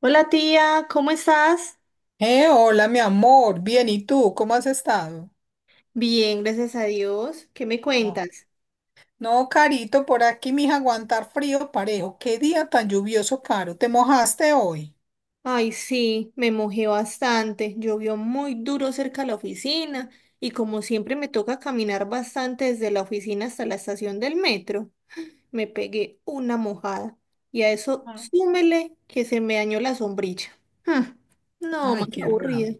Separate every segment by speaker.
Speaker 1: Hola tía, ¿cómo estás?
Speaker 2: Hola, mi amor. Bien, ¿y tú? ¿Cómo has estado?
Speaker 1: Bien, gracias a Dios. ¿Qué me
Speaker 2: Ah,
Speaker 1: cuentas?
Speaker 2: no, Carito, por aquí, mija, aguantar frío parejo. Qué día tan lluvioso, Caro. ¿Te mojaste hoy?
Speaker 1: Ay, sí, me mojé bastante. Llovió muy duro cerca de la oficina y como siempre me toca caminar bastante desde la oficina hasta la estación del metro. Me pegué una mojada y a eso súmele que se me dañó la sombrilla. Mm, no, más
Speaker 2: Ay, qué raro.
Speaker 1: aburrido.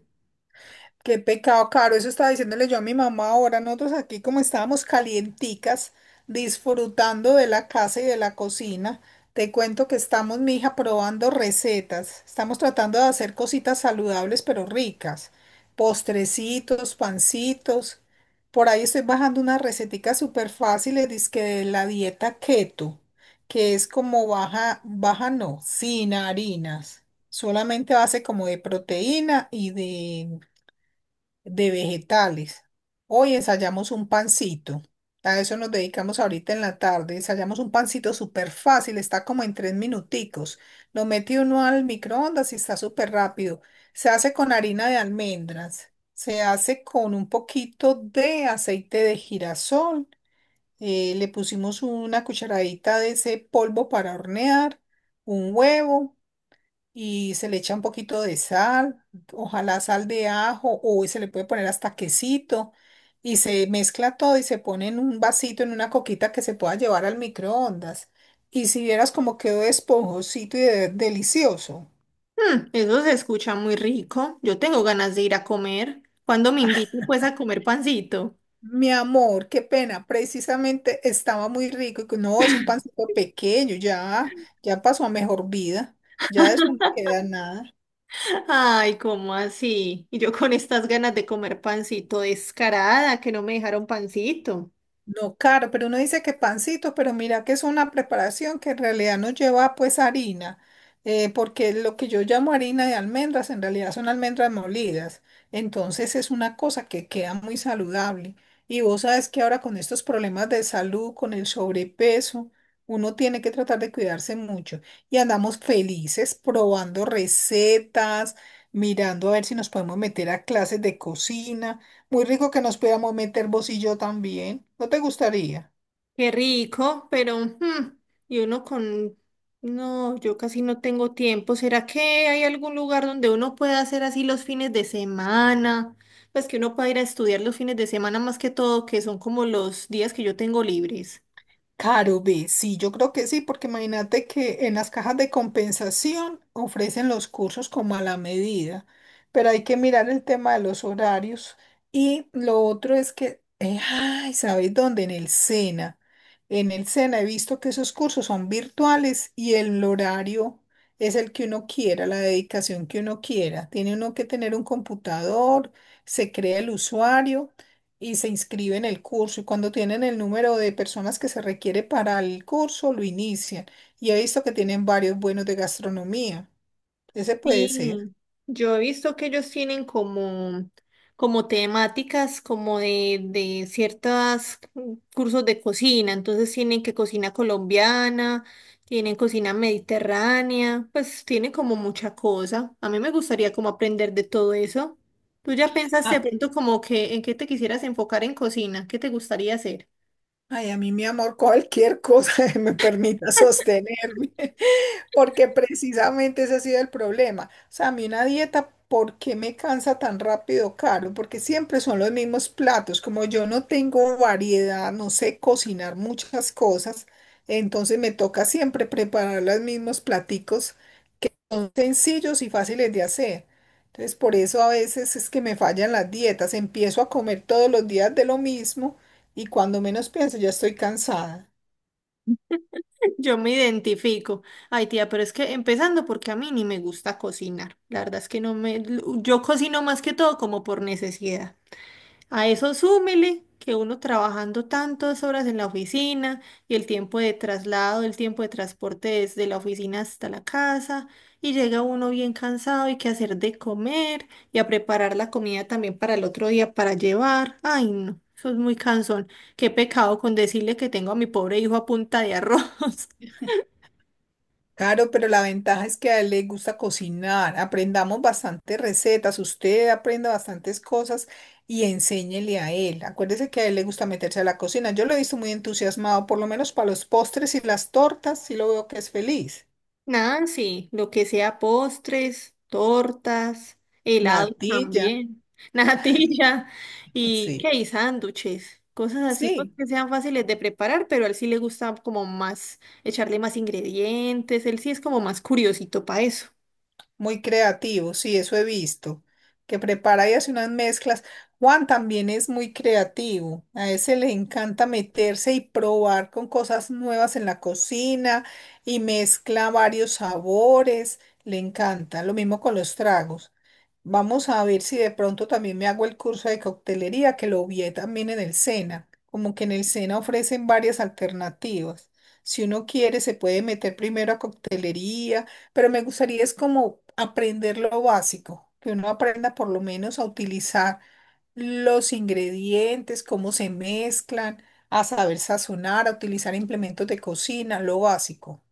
Speaker 2: Qué pecado, Caro. Eso estaba diciéndole yo a mi mamá ahora. Nosotros aquí como estábamos calienticas, disfrutando de la casa y de la cocina. Te cuento que estamos, mija, probando recetas. Estamos tratando de hacer cositas saludables pero ricas. Postrecitos, pancitos. Por ahí estoy bajando unas receticas súper fáciles, dizque de la dieta keto, que es como baja, baja no, sin harinas. Solamente base como de proteína y de vegetales. Hoy ensayamos un pancito. A eso nos dedicamos ahorita en la tarde. Ensayamos un pancito súper fácil, está como en tres minuticos. Lo mete uno al microondas y está súper rápido. Se hace con harina de almendras, se hace con un poquito de aceite de girasol. Le pusimos una cucharadita de ese polvo para hornear, un huevo y se le echa un poquito de sal, ojalá sal de ajo o se le puede poner hasta quesito y se mezcla todo y se pone en un vasito, en una coquita que se pueda llevar al microondas. Y si vieras cómo quedó esponjosito y delicioso.
Speaker 1: Mm, eso se escucha muy rico. Yo tengo ganas de ir a comer. ¿Cuándo me invito pues a comer pancito?
Speaker 2: Mi amor, qué pena, precisamente estaba muy rico y que no, es un pancito pequeño, ya, ya pasó a mejor vida, ya de eso no queda nada.
Speaker 1: Ay, ¿cómo así? Y yo con estas ganas de comer pancito descarada, que no me dejaron pancito.
Speaker 2: No, claro, pero uno dice que pancitos, pero mira que es una preparación que en realidad no lleva pues harina, porque lo que yo llamo harina de almendras en realidad son almendras molidas. Entonces es una cosa que queda muy saludable. Y vos sabes que ahora con estos problemas de salud, con el sobrepeso, uno tiene que tratar de cuidarse mucho. Y andamos felices probando recetas, mirando a ver si nos podemos meter a clases de cocina. Muy rico que nos pudiéramos meter vos y yo también. ¿No te gustaría?
Speaker 1: Qué rico, pero y uno con... No, yo casi no tengo tiempo. ¿Será que hay algún lugar donde uno pueda hacer así los fines de semana? Pues que uno pueda ir a estudiar los fines de semana más que todo, que son como los días que yo tengo libres.
Speaker 2: Caro, ve, sí, yo creo que sí, porque imagínate que en las cajas de compensación ofrecen los cursos como a la medida, pero hay que mirar el tema de los horarios. Y lo otro es que, ay, ¿sabes dónde? En el SENA. En el SENA he visto que esos cursos son virtuales y el horario es el que uno quiera, la dedicación que uno quiera. Tiene uno que tener un computador, se crea el usuario. Y se inscribe en el curso y cuando tienen el número de personas que se requiere para el curso, lo inician. Y he visto que tienen varios buenos de gastronomía. Ese puede ser.
Speaker 1: Sí, yo he visto que ellos tienen como, como temáticas, como de ciertos cursos de cocina, entonces tienen que cocina colombiana, tienen cocina mediterránea, pues tienen como mucha cosa. A mí me gustaría como aprender de todo eso. ¿Tú ya pensaste de
Speaker 2: ah
Speaker 1: pronto como que en qué te quisieras enfocar en cocina? ¿Qué te gustaría hacer?
Speaker 2: Ay, a mí, mi amor, cualquier cosa que me permita sostenerme, porque precisamente ese ha sido el problema. O sea, a mí una dieta, ¿por qué me cansa tan rápido, Carlos? Porque siempre son los mismos platos. Como yo no tengo variedad, no sé cocinar muchas cosas, entonces me toca siempre preparar los mismos platicos son sencillos y fáciles de hacer. Entonces, por eso a veces es que me fallan las dietas. Empiezo a comer todos los días de lo mismo y cuando menos pienso ya estoy cansada.
Speaker 1: Yo me identifico. Ay, tía, pero es que empezando porque a mí ni me gusta cocinar. La verdad es que no me... Yo cocino más que todo como por necesidad. A eso súmele que uno trabajando tantas horas en la oficina y el tiempo de traslado, el tiempo de transporte desde la oficina hasta la casa y llega uno bien cansado y que hacer de comer y a preparar la comida también para el otro día para llevar. Ay, no, eso es muy cansón. Qué pecado con decirle que tengo a mi pobre hijo a punta de arroz.
Speaker 2: Claro, pero la ventaja es que a él le gusta cocinar. Aprendamos bastantes recetas. Usted aprenda bastantes cosas y enséñele a él. Acuérdese que a él le gusta meterse a la cocina. Yo lo he visto muy entusiasmado, por lo menos para los postres y las tortas, sí lo veo que es feliz.
Speaker 1: Nancy, lo que sea postres, tortas, helados
Speaker 2: Natilla,
Speaker 1: también, natilla y qué
Speaker 2: sí,
Speaker 1: y sándwiches, cosas así pues
Speaker 2: sí.
Speaker 1: que sean fáciles de preparar, pero a él sí le gusta como más echarle más ingredientes, él sí es como más curiosito para eso.
Speaker 2: Muy creativo, sí, eso he visto, que prepara y hace unas mezclas. Juan también es muy creativo, a ese le encanta meterse y probar con cosas nuevas en la cocina y mezcla varios sabores, le encanta, lo mismo con los tragos. Vamos a ver si de pronto también me hago el curso de coctelería, que lo vi también en el SENA. Como que en el SENA ofrecen varias alternativas. Si uno quiere, se puede meter primero a coctelería, pero me gustaría es como aprender lo básico, que uno aprenda por lo menos a utilizar los ingredientes, cómo se mezclan, a saber sazonar, a utilizar implementos de cocina, lo básico.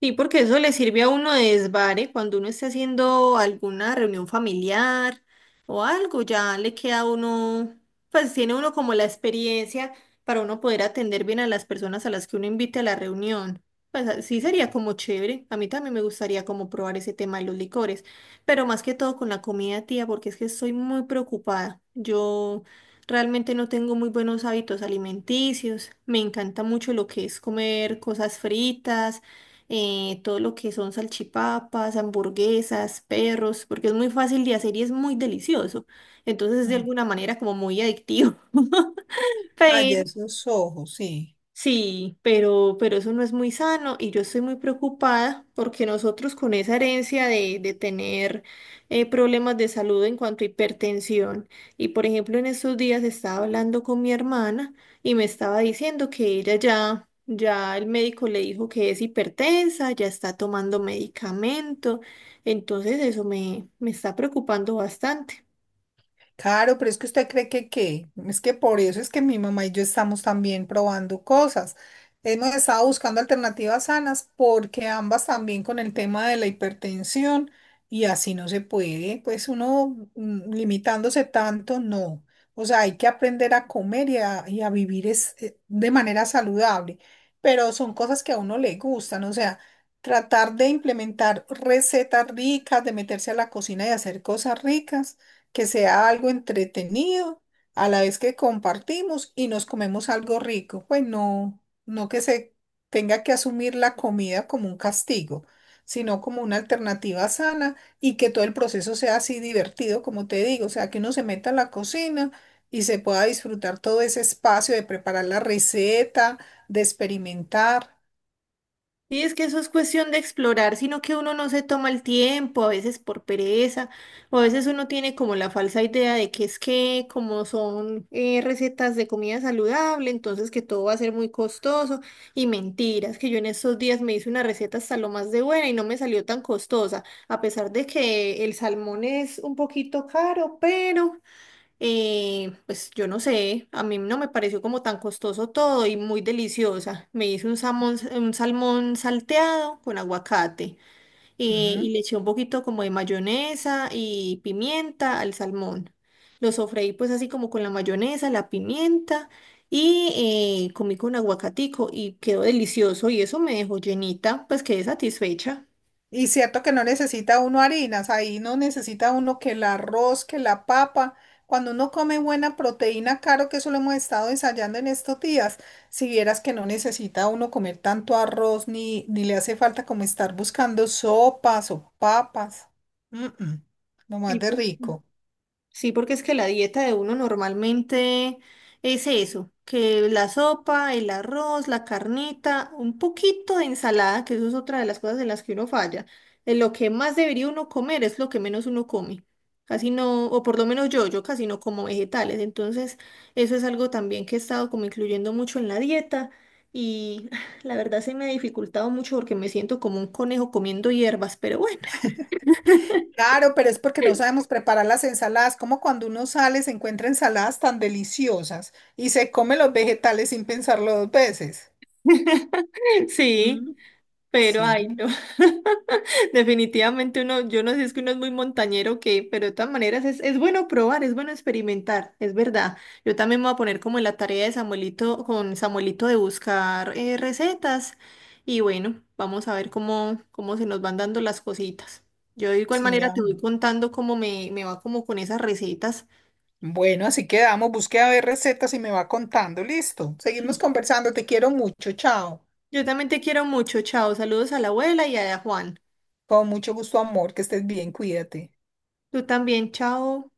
Speaker 1: Sí, porque eso le sirve a uno de desvare cuando uno esté haciendo alguna reunión familiar o algo, ya le queda a uno, pues tiene uno como la experiencia para uno poder atender bien a las personas a las que uno invite a la reunión. Pues sí sería como chévere, a mí también me gustaría como probar ese tema de los licores, pero más que todo con la comida, tía, porque es que estoy muy preocupada. Yo realmente no tengo muy buenos hábitos alimenticios, me encanta mucho lo que es comer cosas fritas todo lo que son salchipapas, hamburguesas, perros, porque es muy fácil de hacer y es muy delicioso. Entonces es de
Speaker 2: Mm.
Speaker 1: alguna manera como muy adictivo.
Speaker 2: Ah, ya esos ojos, sí.
Speaker 1: Sí, pero eso no es muy sano y yo estoy muy preocupada porque nosotros con esa herencia de tener problemas de salud en cuanto a hipertensión y por ejemplo en estos días estaba hablando con mi hermana y me estaba diciendo que ya el médico le dijo que es hipertensa, ya está tomando medicamento, entonces eso me está preocupando bastante.
Speaker 2: Claro, pero es que usted cree que qué. Es que por eso es que mi mamá y yo estamos también probando cosas. Hemos estado buscando alternativas sanas porque ambas también con el tema de la hipertensión y así no se puede, pues uno limitándose tanto, no. O sea, hay que aprender a comer y a vivir es, de manera saludable, pero son cosas que a uno le gustan, o sea, tratar de implementar recetas ricas, de meterse a la cocina y hacer cosas ricas que sea algo entretenido, a la vez que compartimos y nos comemos algo rico. Pues no, no que se tenga que asumir la comida como un castigo, sino como una alternativa sana y que todo el proceso sea así divertido, como te digo, o sea, que uno se meta a la cocina y se pueda disfrutar todo ese espacio de preparar la receta, de experimentar.
Speaker 1: Sí, es que eso es cuestión de explorar, sino que uno no se toma el tiempo, a veces por pereza, o a veces uno tiene como la falsa idea de que es que como son recetas de comida saludable, entonces que todo va a ser muy costoso y mentiras, que yo en estos días me hice una receta hasta lo más de buena y no me salió tan costosa, a pesar de que el salmón es un poquito caro, pero... Pues yo no sé, a mí no me pareció como tan costoso todo y muy deliciosa. Me hice un salmón salteado con aguacate y le eché un poquito como de mayonesa y pimienta al salmón. Lo sofreí pues así como con la mayonesa, la pimienta y comí con aguacatico y quedó delicioso y eso me dejó llenita, pues quedé satisfecha.
Speaker 2: Y cierto que no necesita uno harinas, ahí no necesita uno que el arroz, que la papa. Cuando uno come buena proteína, claro que eso lo hemos estado ensayando en estos días. Si vieras que no necesita uno comer tanto arroz, ni, ni le hace falta como estar buscando sopas o papas. Mm, mm. Lo más
Speaker 1: Sí.
Speaker 2: de rico.
Speaker 1: Sí, porque es que la dieta de uno normalmente es eso, que la sopa, el arroz, la carnita, un poquito de ensalada, que eso es otra de las cosas en las que uno falla. En lo que más debería uno comer es lo que menos uno come. Casi no, o por lo menos yo casi no como vegetales. Entonces, eso es algo también que he estado como incluyendo mucho en la dieta y la verdad se me ha dificultado mucho porque me siento como un conejo comiendo hierbas, pero bueno,
Speaker 2: Claro, pero es porque no sabemos preparar las ensaladas, como cuando uno sale se encuentra ensaladas tan deliciosas y se come los vegetales sin pensarlo dos veces.
Speaker 1: sí,
Speaker 2: Mm.
Speaker 1: pero
Speaker 2: Sí.
Speaker 1: ay, no. Definitivamente uno, yo no sé, es que uno es muy montañero que, pero de todas maneras es bueno probar, es bueno experimentar, es verdad. Yo también me voy a poner como en la tarea de Samuelito, con Samuelito de buscar recetas y bueno, vamos a ver cómo, cómo se nos van dando las cositas. Yo de igual
Speaker 2: Sí, mi
Speaker 1: manera te voy
Speaker 2: amor.
Speaker 1: contando cómo me va como con esas recetas.
Speaker 2: Bueno, así quedamos. Busque a ver recetas y me va contando. Listo. Seguimos conversando. Te quiero mucho. Chao.
Speaker 1: Yo también te quiero mucho, chao, saludos a la abuela y a Juan.
Speaker 2: Con mucho gusto, amor. Que estés bien. Cuídate.
Speaker 1: Tú también, chao.